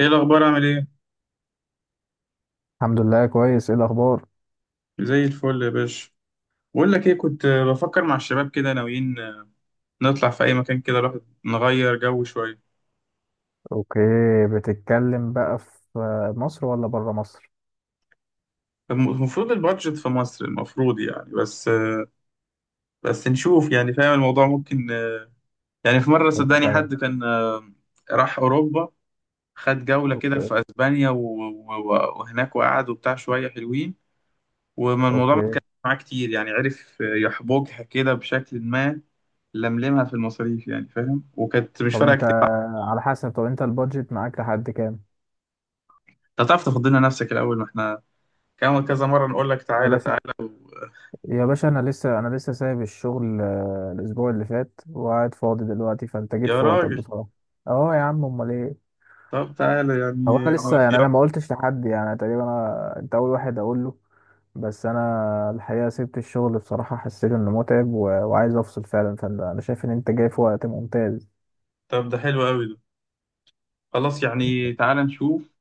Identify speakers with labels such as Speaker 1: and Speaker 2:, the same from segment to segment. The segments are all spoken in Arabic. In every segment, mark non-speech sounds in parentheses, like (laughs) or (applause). Speaker 1: ايه الاخبار عامل ايه؟
Speaker 2: الحمد لله، كويس. ايه الاخبار؟
Speaker 1: زي الفل يا باشا. بقول لك ايه، كنت بفكر مع الشباب كده، ناويين نطلع في اي مكان كده، الواحد نغير جو شويه.
Speaker 2: اوكي. بتتكلم بقى في مصر ولا بره مصر؟
Speaker 1: المفروض البادجت في مصر المفروض يعني، بس نشوف يعني، فاهم الموضوع ممكن. يعني في مره
Speaker 2: طب
Speaker 1: صدقني
Speaker 2: انت.
Speaker 1: حد كان راح اوروبا، خد جوله كده
Speaker 2: اوكي.
Speaker 1: في اسبانيا وهناك، وقعد وبتاع شويه حلوين، وما الموضوع ما
Speaker 2: اوكي.
Speaker 1: اتكلمش معاه كتير، يعني عرف يحبكها كده بشكل ما، لملمها في المصاريف يعني فاهم، وكانت مش
Speaker 2: طب
Speaker 1: فارقه
Speaker 2: انت
Speaker 1: كتير.
Speaker 2: على حسب. طب انت البادجت معاك لحد كام؟
Speaker 1: انت هتعرف تاخد لنا نفسك الاول؟ ما احنا كمان كذا مره نقول لك
Speaker 2: يا
Speaker 1: تعالى
Speaker 2: باشا،
Speaker 1: تعالى.
Speaker 2: يا باشا، انا لسه سايب الشغل، الاسبوع اللي فات وقاعد فاضي دلوقتي، فانت جيت
Speaker 1: يا
Speaker 2: في وقتك
Speaker 1: راجل،
Speaker 2: بصراحه. اه يا عم، امال ايه؟
Speaker 1: طب تعالى
Speaker 2: هو
Speaker 1: يعني
Speaker 2: انا لسه، يعني انا ما قلتش لحد، يعني تقريبا انا، انت اول واحد اقول له. بس انا الحقيقه سبت الشغل بصراحه، حسيت انه متعب و... وعايز افصل فعلا، فانت انا شايف ان انت جاي في وقت ممتاز.
Speaker 1: طب ده حلو قوي ده. خلاص يعني تعالى نشوف،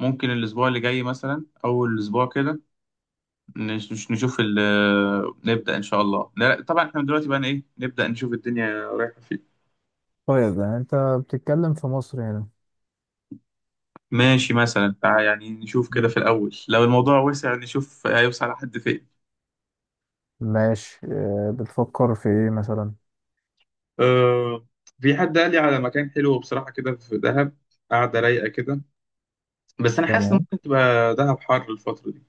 Speaker 1: ممكن الاسبوع اللي جاي مثلا اول الاسبوع كده نشوف نبدا ان شاء الله. لا، طبعا احنا دلوقتي بقى ايه، نبدا نشوف الدنيا رايحه فين.
Speaker 2: طيب يعني انت بتتكلم في مصر هنا؟
Speaker 1: ماشي، مثلا تعالى يعني نشوف كده
Speaker 2: مم.
Speaker 1: في الاول، لو الموضوع وسع نشوف هيوصل لحد فين.
Speaker 2: ماشي. بتفكر في ايه مثلا؟
Speaker 1: أه. في حد قال لي على مكان حلو بصراحه كده في دهب، قاعده رايقه كده. بس انا حاسس ان
Speaker 2: تمام.
Speaker 1: ممكن تبقى دهب حر الفتره دي،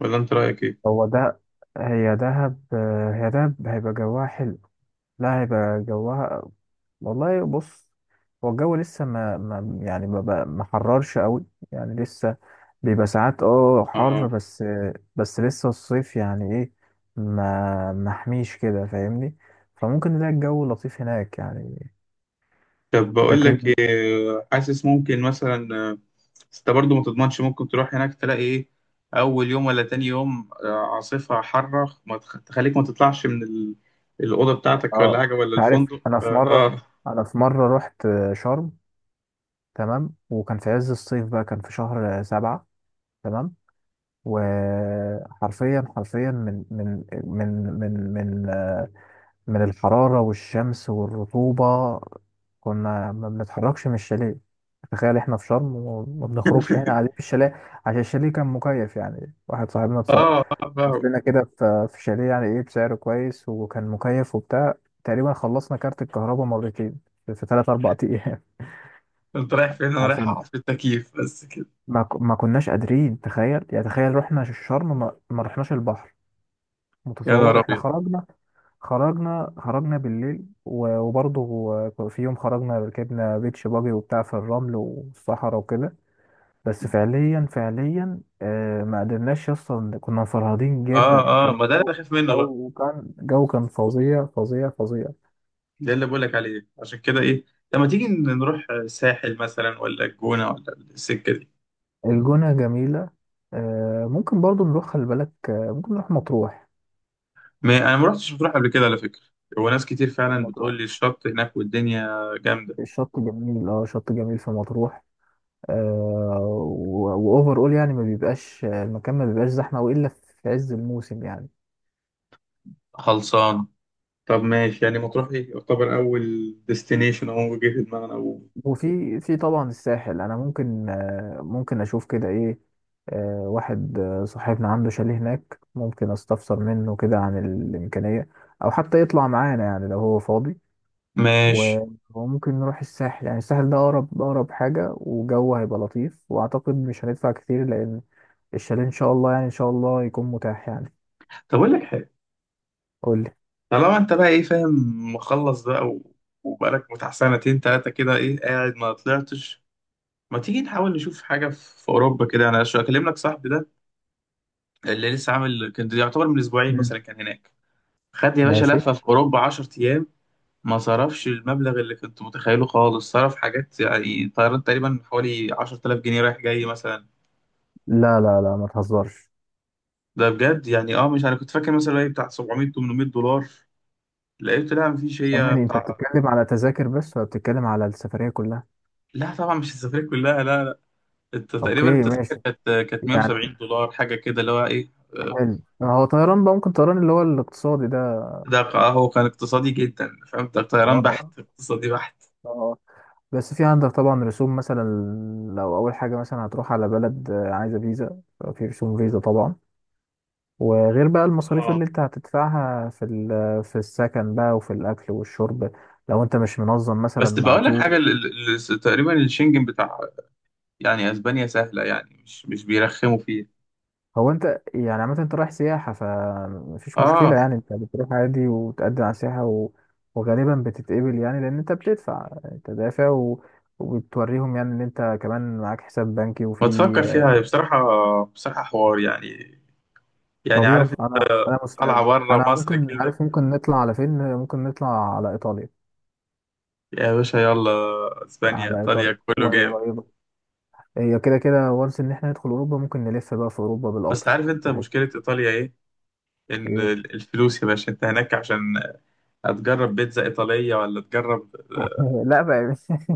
Speaker 1: ولا انت رايك ايه؟
Speaker 2: هو ده، هي دهب، هي دهب هيبقى جواها حلو. لا، هيبقى جوها، والله، بص، هو الجو لسه ما يعني ما حررش قوي، يعني لسه بيبقى ساعات اه حر،
Speaker 1: اه.
Speaker 2: بس بس لسه الصيف يعني ايه، ما محميش كده، فاهمني؟ فممكن نلاقي الجو لطيف هناك يعني،
Speaker 1: طب بقول لك
Speaker 2: لكن.
Speaker 1: إيه، حاسس ممكن مثلا بس انت برضو ما تضمنش، ممكن تروح هناك تلاقي ايه، اول يوم ولا تاني يوم عاصفه حاره ما تخليك ما تطلعش من الاوضه بتاعتك ولا
Speaker 2: اه.
Speaker 1: حاجه ولا
Speaker 2: أنت عارف،
Speaker 1: الفندق
Speaker 2: انا
Speaker 1: ف-
Speaker 2: في مرة،
Speaker 1: اه
Speaker 2: انا في مرة رحت شرم، تمام، وكان في عز الصيف، بقى كان في شهر سبعة، تمام. وحرفيا حرفيا من من آه، من الحرارة والشمس والرطوبة، كنا ما بنتحركش من الشاليه. تخيل، احنا في شرم وما بنخرجش، هنا قاعدين في
Speaker 1: (laughs)
Speaker 2: الشاليه. عشان الشاليه كان مكيف، يعني واحد صاحبنا
Speaker 1: اه، اه،
Speaker 2: بص
Speaker 1: فاهم.
Speaker 2: لنا كده في شاليه يعني ايه بسعر كويس وكان مكيف وبتاع. تقريبا خلصنا كارت الكهرباء مرتين في ثلاث اربع ايام.
Speaker 1: انت رايح فين؟
Speaker 2: (laughs)
Speaker 1: انا رايح
Speaker 2: عشان
Speaker 1: اقعد في التكييف بس كده.
Speaker 2: ما كناش قادرين. تخيل يعني تخيل، رحنا الشرم ما رحناش البحر.
Speaker 1: يا نهار
Speaker 2: متصور؟ احنا
Speaker 1: ابيض.
Speaker 2: خرجنا، خرجنا، خرجنا بالليل و- وبرضه، في يوم خرجنا ركبنا بيتش باجي وبتاع في الرمل والصحراء وكده. بس فعليا فعليا ما قدرناش اصلا، كنا مفرهدين
Speaker 1: اه،
Speaker 2: جدا،
Speaker 1: اه،
Speaker 2: كان
Speaker 1: ما ده اللي
Speaker 2: الجو،
Speaker 1: بخاف منه بقى.
Speaker 2: جو كان، جو كان فظيع فظيع فظيع.
Speaker 1: ده اللي بقولك عليه، عشان كده ايه لما تيجي نروح ساحل مثلا ولا الجونة ولا السكة دي.
Speaker 2: الجونة جميلة. آه ممكن برضه نروح، خلي بالك ممكن نروح مطروح.
Speaker 1: ما انا ما رحتش مطروح قبل كده على فكرة، وناس كتير فعلا بتقول
Speaker 2: مطروح
Speaker 1: لي الشط هناك والدنيا جامدة.
Speaker 2: الشط جميل، اه شط جميل في مطروح، واوفر اول، يعني ما بيبقاش المكان، ما بيبقاش زحمه والا في عز الموسم يعني.
Speaker 1: خلصانة، طب ماشي يعني، مطروح ايه، يعتبر اول ديستنيشن او جه في دماغنا. و...
Speaker 2: وفي، في طبعا الساحل انا ممكن، ممكن اشوف كده ايه. واحد، صاحبنا عنده شاليه هناك ممكن استفسر منه كده عن الامكانيه، او حتى يطلع معانا يعني لو هو فاضي.
Speaker 1: ماشي،
Speaker 2: و- وممكن نروح الساحل، يعني الساحل ده اقرب اقرب حاجه، وجو هيبقى لطيف، واعتقد مش هندفع كتير، لان الشاليه ان شاء الله يعني ان شاء الله يكون متاح يعني.
Speaker 1: طب اقول لك حاجة،
Speaker 2: قول لي.
Speaker 1: طالما انت بقى ايه فاهم، مخلص بقى، و... وبقالك بتاع سنتين تلاتة كده ايه قاعد ما طلعتش، ما تيجي نحاول نشوف حاجة في أوروبا كده. أنا أكلم لك صاحبي ده اللي لسه عامل، كان يعتبر من اسبوعين
Speaker 2: مم.
Speaker 1: مثلا كان هناك. خد يا باشا
Speaker 2: ماشي.
Speaker 1: لفه في اوروبا 10 ايام، ما صرفش المبلغ اللي كنت متخيله خالص، صرف حاجات يعني طيران تقريبا حوالي 10,000 جنيه رايح جاي مثلا.
Speaker 2: لا لا لا، ما تهزرش.
Speaker 1: ده بجد يعني، مش، انا كنت فاكر مثلا ايه بتاع 700 800 دولار، لقيت لا مفيش، هي
Speaker 2: ثواني، انت
Speaker 1: بتاع.
Speaker 2: بتتكلم على تذاكر بس ولا بتتكلم على السفرية كلها؟
Speaker 1: لا طبعا مش السفرية كلها، لا، لا. انت
Speaker 2: اوكي
Speaker 1: تقريبا التذاكر
Speaker 2: ماشي.
Speaker 1: كانت
Speaker 2: يعني
Speaker 1: 170 دولار حاجه كده اللي هو ايه
Speaker 2: حلو، هو طيران بقى، ممكن طيران اللي هو الاقتصادي ده.
Speaker 1: ده، هو كان اقتصادي جدا، فهمت طيران
Speaker 2: اه
Speaker 1: بحت، اقتصادي بحت.
Speaker 2: اه. آه. بس في عندك طبعا رسوم مثلا، لو اول حاجة مثلا هتروح على بلد عايزة فيزا، في رسوم فيزا طبعا، وغير بقى المصاريف اللي انت هتدفعها في في السكن بقى، وفي الاكل والشرب، لو انت مش منظم مثلا
Speaker 1: بس
Speaker 2: مع
Speaker 1: بقول لك حاجه
Speaker 2: تور.
Speaker 1: تقريبا الشنجن بتاع يعني اسبانيا سهله يعني، مش بيرخموا فيه.
Speaker 2: هو انت يعني عامة انت رايح سياحة فمفيش
Speaker 1: اه،
Speaker 2: مشكلة، يعني انت بتروح عادي وتقدم على سياحة، و... وغالبا بتتقبل، يعني لان انت بتدفع تدافع و... وبتوريهم يعني ان انت كمان معاك حساب بنكي وفي.
Speaker 1: ما تفكر فيها بصراحه، بصراحه حوار يعني. يعني
Speaker 2: طب
Speaker 1: عارف
Speaker 2: يلا،
Speaker 1: انت،
Speaker 2: انا
Speaker 1: طالعه
Speaker 2: مستعد.
Speaker 1: بره
Speaker 2: انا
Speaker 1: مصر
Speaker 2: ممكن،
Speaker 1: كده.
Speaker 2: عارف ممكن نطلع على فين؟ ممكن نطلع على ايطاليا،
Speaker 1: يا باشا يلا، اسبانيا
Speaker 2: على
Speaker 1: ايطاليا
Speaker 2: ايطاليا،
Speaker 1: كله
Speaker 2: وهي
Speaker 1: جامد.
Speaker 2: قريبة. هي كده كده وانس ان احنا ندخل اوروبا، ممكن نلف بقى في اوروبا
Speaker 1: بس
Speaker 2: بالقطر
Speaker 1: عارف انت
Speaker 2: عادي.
Speaker 1: مشكله ايطاليا ايه، ان
Speaker 2: ايه؟
Speaker 1: الفلوس يا باشا انت هناك، عشان هتجرب بيتزا ايطاليه، ولا تجرب
Speaker 2: (laughs) لا بقى. (laughs)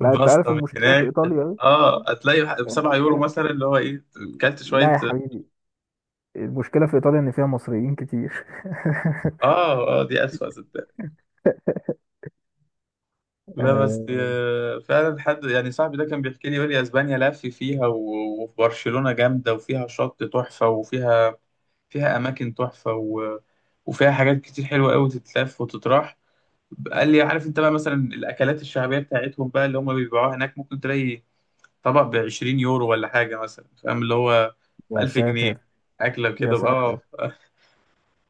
Speaker 2: لا انت
Speaker 1: باستا
Speaker 2: عارف
Speaker 1: من
Speaker 2: المشكلة في
Speaker 1: هناك.
Speaker 2: ايطاليا.
Speaker 1: اه، هتلاقي ب
Speaker 2: ايه
Speaker 1: 7 يورو
Speaker 2: المشكلة؟
Speaker 1: مثلا اللي هو ايه، كلت
Speaker 2: لا
Speaker 1: شويه.
Speaker 2: يا حبيبي، المشكلة في إيطاليا إن فيها مصريين كتير. (laughs)
Speaker 1: اه، اه، دي اسوأ. لا بس
Speaker 2: آه،
Speaker 1: فعلا، حد يعني صاحبي ده كان بيحكي لي يقول لي اسبانيا لف فيها وفي برشلونة جامدة، وفيها شط تحفة، وفيها، فيها اماكن تحفة، وفيها حاجات كتير حلوة قوي، تتلف وتتراح. قال لي عارف انت بقى مثلا، الاكلات الشعبية بتاعتهم بقى اللي هم بيبيعوها هناك ممكن تلاقي طبق ب 20 يورو ولا حاجة مثلا، فاهم اللي هو ب
Speaker 2: يا
Speaker 1: 1000 جنيه
Speaker 2: ساتر،
Speaker 1: اكلة
Speaker 2: يا
Speaker 1: كده. اه،
Speaker 2: ساتر.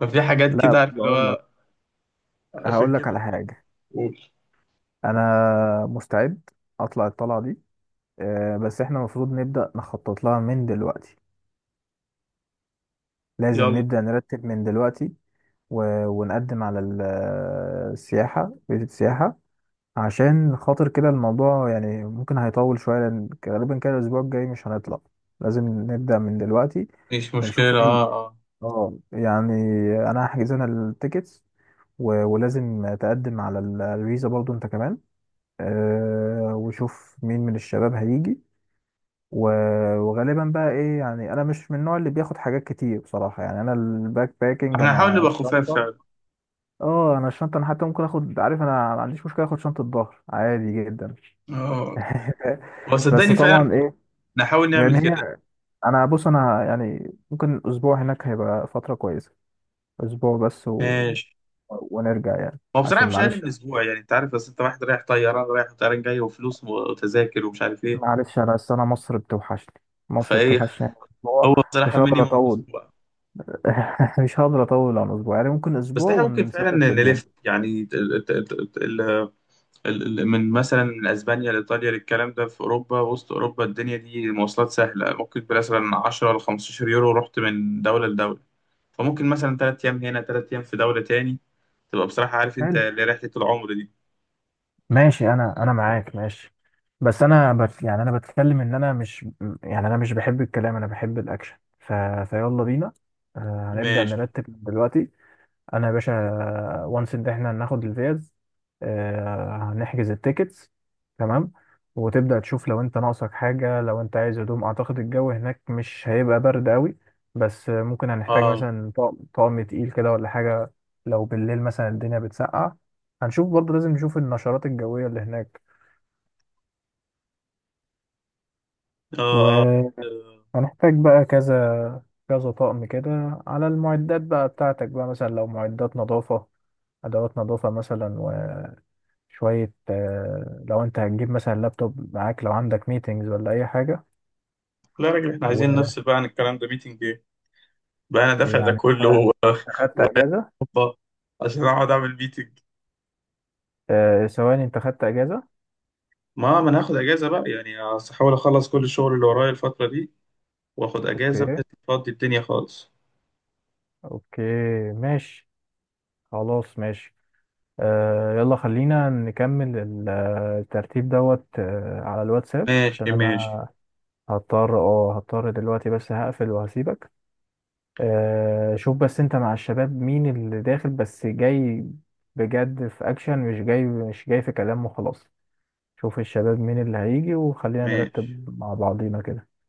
Speaker 1: ففي حاجات
Speaker 2: لا
Speaker 1: كده عارف اللي
Speaker 2: بقول لك،
Speaker 1: هو، عشان
Speaker 2: هقول لك
Speaker 1: كده.
Speaker 2: على حاجة.
Speaker 1: قول.
Speaker 2: أنا مستعد أطلع الطلعة دي، بس إحنا المفروض نبدأ نخطط لها من دلوقتي، لازم
Speaker 1: يلا،
Speaker 2: نبدأ نرتب من دلوقتي، و... ونقدم على السياحة، فيزا السياحة، عشان خاطر كده الموضوع يعني ممكن هيطول شوية، لأن غالبا كده الأسبوع الجاي مش هنطلع، لازم نبدأ من دلوقتي
Speaker 1: مش
Speaker 2: ونشوف
Speaker 1: مشكلة،
Speaker 2: ايه.
Speaker 1: اه، اه.
Speaker 2: اه يعني، انا هحجز، انا التيكتس، و- ولازم تقدم على الفيزا برضو انت كمان. أه، وشوف مين من الشباب هيجي، وغالبا بقى ايه، يعني انا مش من النوع اللي بياخد حاجات كتير بصراحة، يعني انا الباك باكينج،
Speaker 1: احنا هنحاول
Speaker 2: انا
Speaker 1: نبقى خفاف
Speaker 2: الشنطة،
Speaker 1: فعلا.
Speaker 2: اه انا الشنطة، انا حتى ممكن اخد، عارف انا ما عنديش مشكلة اخد شنطة ظهر عادي جدا.
Speaker 1: اه، هو
Speaker 2: (laughs) بس
Speaker 1: صدقني فعلا
Speaker 2: طبعا ايه،
Speaker 1: نحاول نعمل
Speaker 2: يعني
Speaker 1: كده.
Speaker 2: هي، انا بص، انا يعني ممكن اسبوع هناك هيبقى فترة كويسة، اسبوع بس
Speaker 1: ماشي،
Speaker 2: ونرجع يعني،
Speaker 1: هو بصراحة
Speaker 2: عشان
Speaker 1: مش أقل
Speaker 2: معلش،
Speaker 1: من أسبوع، يعني أنت عارف، بس أنت واحد رايح طيران رايح وطيران جاي وفلوس وتذاكر ومش عارف إيه.
Speaker 2: معلش انا أصل انا مصر بتوحشني، مصر
Speaker 1: فإيه،
Speaker 2: بتوحشني يعني، اسبوع
Speaker 1: هو بصراحة
Speaker 2: مش هقدر
Speaker 1: مينيموم
Speaker 2: اطول،
Speaker 1: أسبوع.
Speaker 2: (laughs) مش هقدر اطول عن اسبوع، يعني ممكن
Speaker 1: بس
Speaker 2: اسبوع
Speaker 1: إحنا ممكن فعلا
Speaker 2: ونسافر في اليوم.
Speaker 1: نلف يعني من، مثلا من أسبانيا لإيطاليا، للكلام ده في أوروبا، وسط أوروبا الدنيا دي مواصلات سهلة، ممكن مثلا 10 ل 15 يورو رحت من دولة لدولة. فممكن مثلا 3 أيام هنا 3 أيام في دولة تاني، تبقى بصراحة عارف أنت
Speaker 2: حلو،
Speaker 1: اللي رحلة العمر دي.
Speaker 2: ماشي، انا معاك ماشي، بس انا بت يعني انا بتكلم ان انا مش، يعني انا مش بحب الكلام، انا بحب الاكشن، فيلا بينا، هنبدأ
Speaker 1: ماشي،
Speaker 2: نرتب دلوقتي. انا يا باشا، وانس ان احنا هناخد الفيز، هنحجز التيكتس، تمام. وتبدأ تشوف لو انت ناقصك حاجة، لو انت عايز هدوم، اعتقد الجو هناك مش هيبقى برد قوي، بس ممكن هنحتاج
Speaker 1: اه،
Speaker 2: مثلا طقم تقيل كده ولا حاجة، لو بالليل مثلا الدنيا بتسقع، هنشوف برضه لازم نشوف النشرات الجوية اللي هناك.
Speaker 1: اه، اه،
Speaker 2: وهنحتاج
Speaker 1: آه.
Speaker 2: بقى كذا كذا طقم كده على المعدات بقى بتاعتك بقى، مثلا لو معدات نظافة، أدوات نظافة مثلا. شوية لو انت هتجيب مثلا لابتوب معاك لو عندك ميتينجز ولا اي حاجة.
Speaker 1: لا يا راجل احنا عايزين نفصل بقى عن الكلام ده، ميتنج ايه بقى، انا دافع ده
Speaker 2: ويعني انت،
Speaker 1: كله.
Speaker 2: أنت خدت اجازة؟
Speaker 1: (laughs) اوبا، عشان اقعد اعمل ميتنج.
Speaker 2: ثواني، انت خدت اجازة؟
Speaker 1: ما انا هاخد اجازه بقى يعني، هحاول اخلص كل الشغل اللي ورايا الفتره دي، واخد اجازه
Speaker 2: اوكي،
Speaker 1: بحيث افضي الدنيا خالص.
Speaker 2: اوكي، ماشي، خلاص ماشي، يلا خلينا نكمل الترتيب دوت على الواتساب، عشان
Speaker 1: ماشي،
Speaker 2: انا
Speaker 1: ماشي،
Speaker 2: هضطر، دلوقتي بس هقفل وهسيبك. شوف بس انت مع الشباب مين اللي داخل بس جاي بجد في اكشن، مش جاي، مش جاي في كلام وخلاص، شوف الشباب مين اللي هيجي وخلينا
Speaker 1: ماشي،
Speaker 2: نرتب مع بعضينا كده.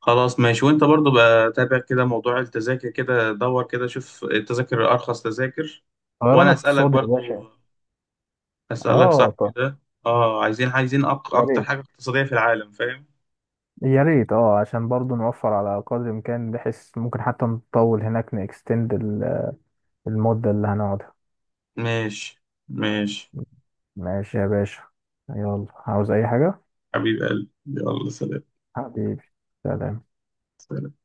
Speaker 1: خلاص، ماشي. وانت برضو بقى تابع كده موضوع التذاكر كده، دور كده شوف التذاكر، ارخص تذاكر.
Speaker 2: طيران
Speaker 1: وانا اسالك
Speaker 2: اقتصادي يا باشا.
Speaker 1: برضو، اسالك
Speaker 2: اه
Speaker 1: صاحبي
Speaker 2: طب،
Speaker 1: ده. اه، عايزين
Speaker 2: يا
Speaker 1: اكتر
Speaker 2: ريت،
Speaker 1: حاجه اقتصاديه في العالم، فاهم.
Speaker 2: يا ريت اه عشان برضو نوفر على قدر الامكان، بحيث ممكن حتى نطول هناك، نكستند المدة اللي هنقعدها.
Speaker 1: ماشي، ماشي،
Speaker 2: ماشي يا باشا. يلا، عاوز اي حاجة؟
Speaker 1: حبيب قلبي، يلا، سلام.
Speaker 2: حبيبي، سلام.
Speaker 1: سلام.